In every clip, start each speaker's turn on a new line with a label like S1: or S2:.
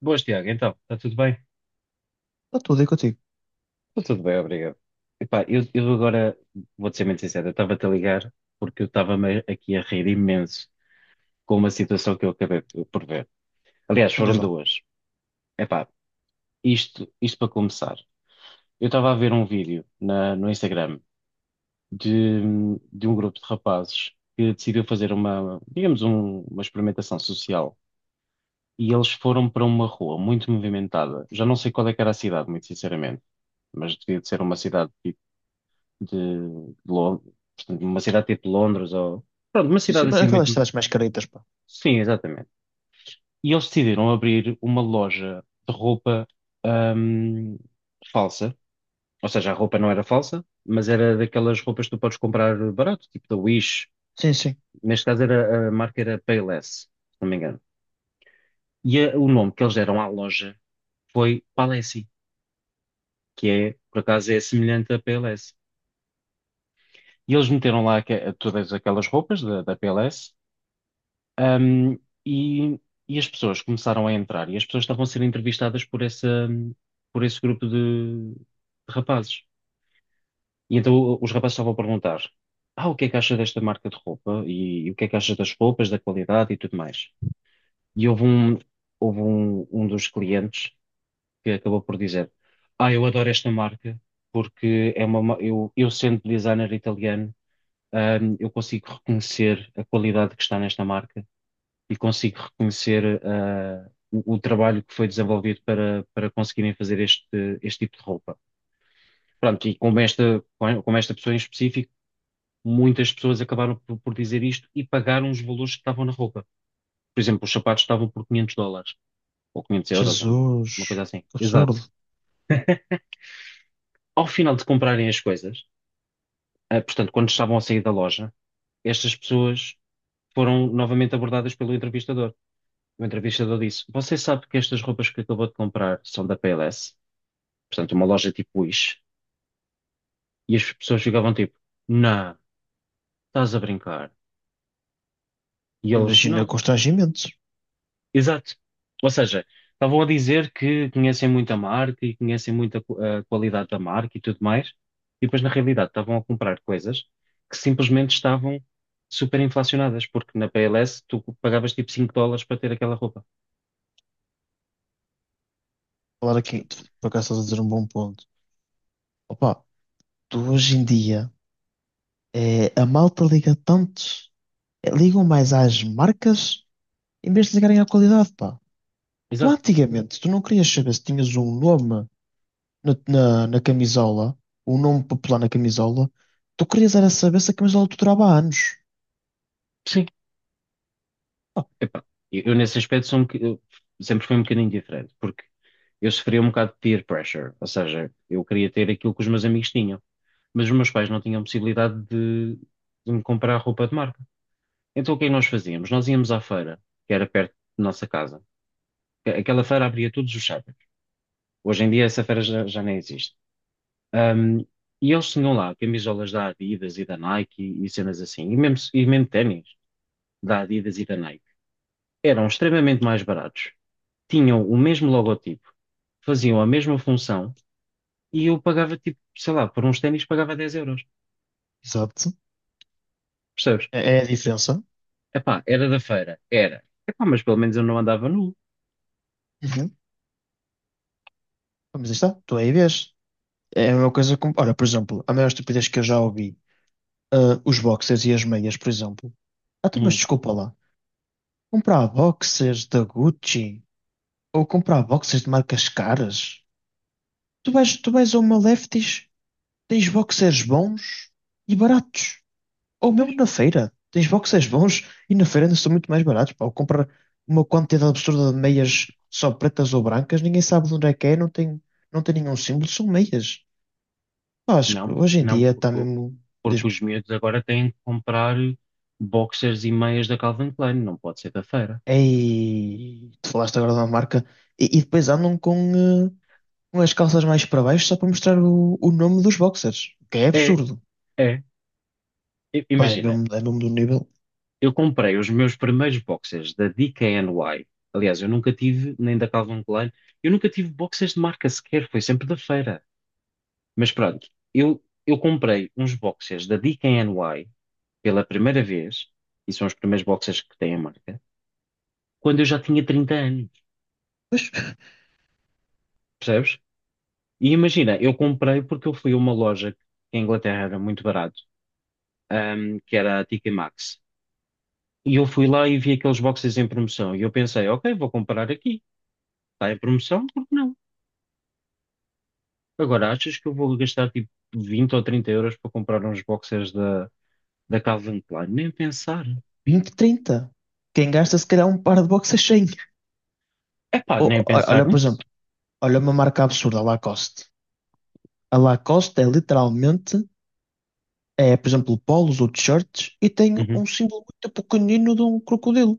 S1: Boas, Tiago, então, está tudo bem?
S2: Está tudo aí contigo.
S1: Está tudo bem, obrigado. Epá, eu agora vou-te ser muito sincero, eu estava-te a ligar porque eu estava-me aqui a rir imenso com uma situação que eu acabei por ver. Aliás,
S2: Então diz
S1: foram
S2: lá.
S1: duas. Epá, isto para começar. Eu estava a ver um vídeo no Instagram de, de um grupo de rapazes que decidiu fazer uma, digamos, uma experimentação social e eles foram para uma rua muito movimentada. Já não sei qual é que era a cidade, muito sinceramente, mas devia de ser uma cidade de Londres, portanto, uma cidade tipo Londres ou pronto, uma
S2: Sim, sim,
S1: cidade
S2: mas
S1: assim
S2: aquelas
S1: muito.
S2: cidades mais caretas, pá.
S1: Sim, exatamente. E eles decidiram abrir uma loja de roupa ahm, falsa. Ou seja, a roupa não era falsa, mas era daquelas roupas que tu podes comprar barato, tipo da Wish.
S2: Sim, sim.
S1: Neste caso era, a marca era Payless, se não me engano. E o nome que eles deram à loja foi Palessi, que é, por acaso, é semelhante a Payless. E eles meteram lá todas aquelas roupas da PLS. Um, e, e as pessoas começaram a entrar e as pessoas estavam a ser entrevistadas por essa, por esse grupo de rapazes. E então os rapazes estavam a perguntar: Ah, o que é que acha desta marca de roupa? E o que é que acha das roupas, da qualidade e tudo mais? E houve um dos clientes que acabou por dizer: Ah, eu adoro esta marca porque eu sendo designer italiano, eu consigo reconhecer a qualidade que está nesta marca e consigo reconhecer, o trabalho que foi desenvolvido para conseguirem fazer este tipo de roupa. Pronto, e como esta pessoa em específico, muitas pessoas acabaram por dizer isto e pagaram os valores que estavam na roupa. Por exemplo, os sapatos estavam por 500 dólares, ou 500 euros, ou uma
S2: Jesus,
S1: coisa assim.
S2: que absurdo.
S1: Exato. Ao final de comprarem as coisas, portanto, quando estavam a sair da loja, estas pessoas foram novamente abordadas pelo entrevistador. O entrevistador disse: Você sabe que estas roupas que acabou de comprar são da PLS? Portanto, uma loja tipo Wish. E as pessoas ficavam tipo, não, estás a brincar. E eles, não,
S2: Imagina constrangimentos.
S1: exato. Ou seja, estavam a dizer que conhecem muito a marca e conhecem muito a qualidade da marca e tudo mais. E depois, na realidade, estavam a comprar coisas que simplesmente estavam super inflacionadas, porque na PLS tu pagavas tipo 5 dólares para ter aquela roupa.
S2: Falar aqui, por acaso estás a dizer um bom ponto. Opa, tu hoje em dia, é, a malta liga tanto, é, ligam mais às marcas em vez de ligarem à qualidade, pá. Tu
S1: Exato.
S2: antigamente, tu não querias saber se tinhas um nome na camisola, um nome popular na camisola, tu querias era saber se a camisola te durava anos.
S1: Sim. Epá, eu nesse aspecto eu sempre fui um bocadinho diferente, porque eu sofria um bocado de peer pressure, ou seja, eu queria ter aquilo que os meus amigos tinham, mas os meus pais não tinham possibilidade de me comprar roupa de marca. Então o que é que nós fazíamos? Nós íamos à feira, que era perto da nossa casa. Aquela feira abria todos os sábados. Hoje em dia essa feira já nem existe. Ahm, e eles tinham lá camisolas da Adidas e da Nike e cenas assim, e mesmo ténis da Adidas e da Nike. Eram extremamente mais baratos, tinham o mesmo logotipo, faziam a mesma função e eu pagava, tipo, sei lá, por uns ténis pagava 10 euros.
S2: Exato.
S1: Percebes?
S2: É a diferença.
S1: Epá, era da feira, era. Epá, mas pelo menos eu não andava nu.
S2: Uhum. Mas aí está, tu aí vês. É a mesma coisa como. Olha, por exemplo, a maior estupidez que eu já ouvi, ah, os boxers e as meias, por exemplo. Ah, tu, mas
S1: Hum,
S2: desculpa lá. Comprar boxers da Gucci ou comprar boxers de marcas caras. Tu vais a uma Lefties. Tens boxers bons e baratos. Ou mesmo
S1: Pois,
S2: na feira. Tens boxers bons e na feira ainda são muito mais baratos. Pá. Ou comprar uma quantidade absurda de meias só pretas ou brancas, ninguém sabe de onde é que é, não tem nenhum símbolo, são meias. Pá, acho que
S1: não,
S2: hoje em
S1: não,
S2: dia
S1: porque,
S2: está
S1: o-
S2: mesmo.
S1: porque
S2: des-
S1: os miúdos agora têm que comprar boxers e meias da Calvin Klein, não pode ser da feira.
S2: Ei, tu falaste agora de uma marca. E depois andam com, eh, com as calças mais para baixo só para mostrar o nome dos boxers. O que é
S1: É,
S2: absurdo.
S1: é.
S2: Pá,
S1: Imagina,
S2: é mesmo do nível
S1: eu comprei os meus primeiros boxers da DKNY. Aliás, eu nunca tive, nem da Calvin Klein, eu nunca tive boxers de marca sequer, foi sempre da feira. Mas pronto, eu comprei uns boxers da DKNY pela primeira vez, e são os primeiros boxers que têm a marca, quando eu já tinha 30 anos, percebes? E imagina, eu comprei porque eu fui a uma loja que em Inglaterra era muito barato, que era a TK Maxx. E eu fui lá e vi aqueles boxers em promoção. E eu pensei: ok, vou comprar aqui. Está em promoção, por que não? Agora, achas que eu vou gastar tipo 20 ou 30 euros para comprar uns boxers da Calvin Klein? Nem pensar.
S2: 20, 30. Quem gasta se calhar um par de boxers.
S1: Epá,
S2: O-
S1: nem
S2: o-
S1: pensar
S2: Olha, por
S1: nisso.
S2: exemplo, olha uma marca absurda, a Lacoste. A Lacoste é literalmente, é, por exemplo, polos ou t-shirts e tem
S1: Uhum.
S2: um símbolo muito pequenino de um crocodilo.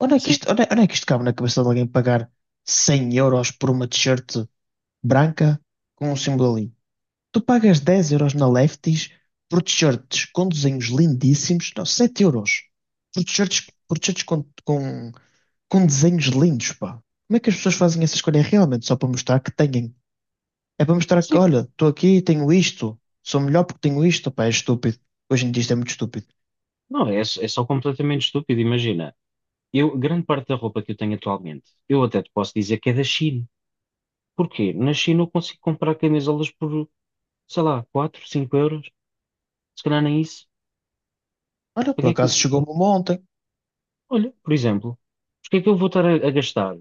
S2: Onde é que
S1: Sim,
S2: isto, onde é que isto cabe na cabeça de alguém pagar 100 euros por uma t-shirt branca com um símbolo ali? Tu pagas 10 euros na Lefties por t-shirts com desenhos lindíssimos, não, 7 euros por t-shirts, com desenhos lindos, pá. Como é que as pessoas fazem essa escolha realmente só para mostrar que têm. É para mostrar que,
S1: sim.
S2: olha, estou aqui, tenho isto, sou melhor porque tenho isto, pá, é estúpido. Hoje em dia isto é muito estúpido.
S1: Não, é só completamente estúpido. Imagina, eu, grande parte da roupa que eu tenho atualmente, eu até te posso dizer que é da China. Porquê? Na China eu consigo comprar camisolas por, sei lá, 4 5 euros. Se calhar nem isso.
S2: Olha, por
S1: Porque que,
S2: acaso chegou-me uma ontem.
S1: olha, por exemplo, porque é que eu vou estar a gastar?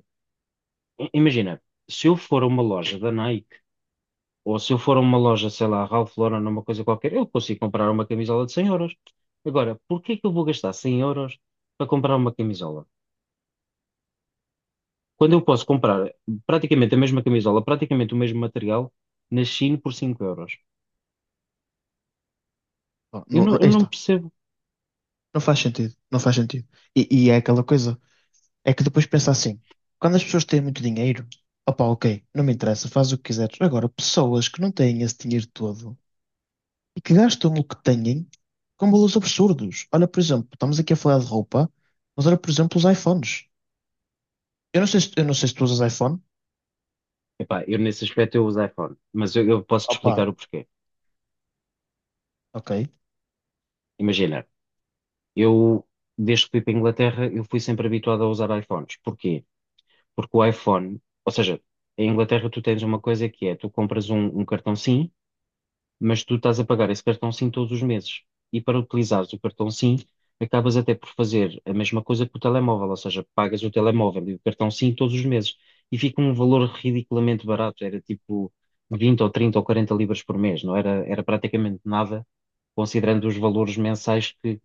S1: Imagina, se eu for a uma loja da Nike, ou se eu for a uma loja, sei lá, Ralph Lauren, uma coisa qualquer, eu consigo comprar uma camisola de 100 euros. Agora, porquê que eu vou gastar 100 euros para comprar uma camisola? Quando eu posso comprar praticamente a mesma camisola, praticamente o mesmo material, na Shein por 5 euros.
S2: Pá,
S1: Eu
S2: não,
S1: não,
S2: não,
S1: eu
S2: aí
S1: não
S2: está.
S1: percebo.
S2: Não faz sentido, não faz sentido. E é aquela coisa, é que depois pensa assim, quando as pessoas têm muito dinheiro, opá, ok, não me interessa, faz o que quiseres. Agora, pessoas que não têm esse dinheiro todo e que gastam o que têm com valores absurdos. Olha, por exemplo, estamos aqui a falar de roupa, mas olha, por exemplo, os iPhones. Eu não sei se tu usas iPhone.
S1: Epá, eu nesse aspecto eu uso iPhone, mas eu posso te
S2: Opá,
S1: explicar o porquê.
S2: ok.
S1: Imagina, eu desde que fui para a Inglaterra, eu fui sempre habituado a usar iPhones. Porquê? Porque o iPhone, ou seja, em Inglaterra tu tens uma coisa que é, tu compras um cartão SIM, mas tu estás a pagar esse cartão SIM todos os meses. E para utilizares o cartão SIM, acabas até por fazer a mesma coisa que o telemóvel, ou seja, pagas o telemóvel e o cartão SIM todos os meses e fica um valor ridiculamente barato, era tipo 20 ou 30 ou 40 libras por mês, não era, era praticamente nada, considerando os valores mensais que,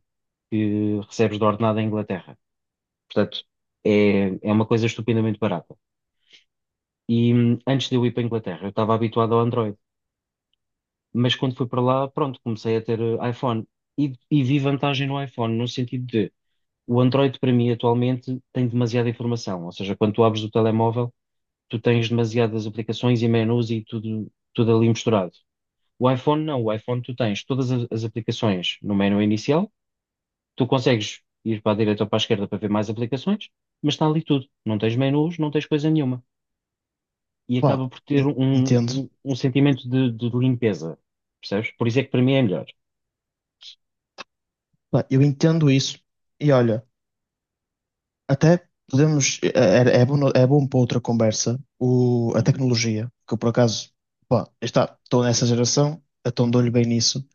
S1: que recebes de ordenado em Inglaterra. Portanto, é uma coisa estupendamente barata. E antes de eu ir para a Inglaterra, eu estava habituado ao Android. Mas quando fui para lá, pronto, comecei a ter iPhone e vi vantagem no iPhone, no sentido de o Android para mim atualmente tem demasiada informação, ou seja, quando tu abres o telemóvel, tu tens demasiadas aplicações e menus e tudo, tudo ali misturado. O iPhone não, o iPhone tu tens todas as aplicações no menu inicial, tu consegues ir para a direita ou para a esquerda para ver mais aplicações, mas está ali tudo, não tens menus, não tens coisa nenhuma. E
S2: Pá,
S1: acaba por ter um,
S2: entendo.
S1: um, um sentimento de limpeza, percebes? Por isso é que para mim é melhor.
S2: Pá, eu entendo isso. E olha, até podemos. É bom, é bom para outra conversa a
S1: Uhum.
S2: tecnologia, que eu por acaso, pá, estou nessa geração, então dou-lhe bem nisso.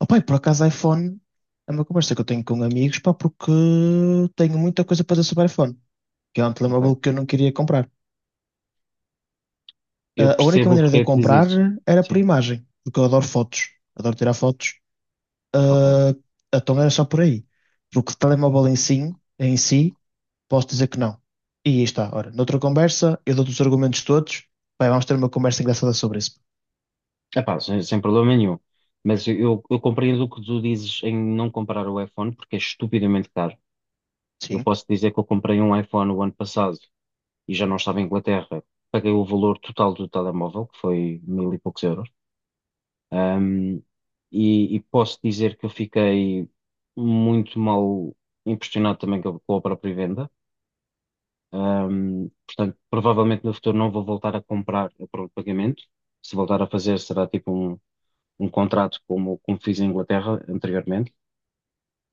S2: Opá, e por acaso iPhone é uma conversa que eu tenho com amigos, pá, porque tenho muita coisa para dizer sobre iPhone, que é um
S1: Ok.
S2: telemóvel que eu não queria comprar.
S1: Eu
S2: Ah, a única
S1: percebo o
S2: maneira de
S1: porquê
S2: eu
S1: é que diz
S2: comprar
S1: isso.
S2: era por
S1: Sim,
S2: imagem, porque eu adoro fotos, adoro tirar fotos.
S1: ok.
S2: Ah, então era só por aí. Porque telemóvel em si, posso dizer que não. E aí está. Ora, noutra conversa, eu dou-te os argumentos todos. Vamos ter uma conversa engraçada sobre isso.
S1: Epá, sem problema nenhum. Mas eu compreendo o que tu dizes em não comprar o iPhone, porque é estupidamente caro. Eu
S2: Sim,
S1: posso dizer que eu comprei um iPhone o ano passado e já não estava em Inglaterra. Paguei o valor total do telemóvel, que foi mil e poucos euros. Ahm, e posso dizer que eu fiquei muito mal impressionado também com a própria venda. Portanto, provavelmente no futuro não vou voltar a comprar a prova de pagamento. Se voltar a fazer, será tipo um contrato como fiz em Inglaterra anteriormente.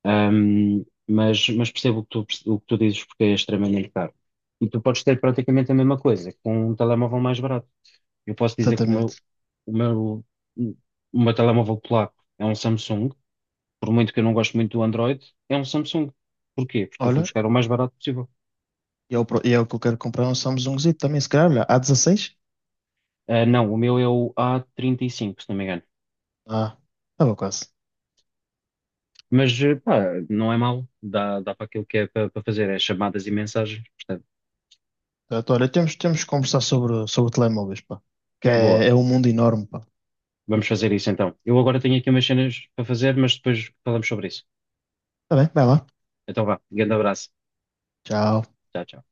S1: Mas percebo o que tu dizes porque é extremamente caro. E tu podes ter praticamente a mesma coisa com um telemóvel mais barato. Eu posso dizer que
S2: exatamente.
S1: o meu, o meu telemóvel polaco é um Samsung. Por muito que eu não goste muito do Android, é um Samsung. Porquê? Porque eu fui
S2: Olha,
S1: buscar o mais barato possível.
S2: e é o pro- e é o que eu quero comprar um Samsungzito também, se calhar. Olha, a dezasseis.
S1: Ah, não, o meu é o A35, se não me engano.
S2: Ah, estava quase.
S1: Mas pá, não é mau, dá para aquilo que é para fazer, é chamadas e mensagens, portanto,
S2: Portanto, olha, temos que conversar sobre telemóveis, pá. Que
S1: boa,
S2: é um mundo enorme, pá.
S1: vamos fazer isso então. Eu agora tenho aqui umas cenas para fazer, mas depois falamos sobre isso.
S2: Tá bem, vai lá.
S1: Então vá, grande abraço,
S2: Tchau.
S1: tchau, tchau.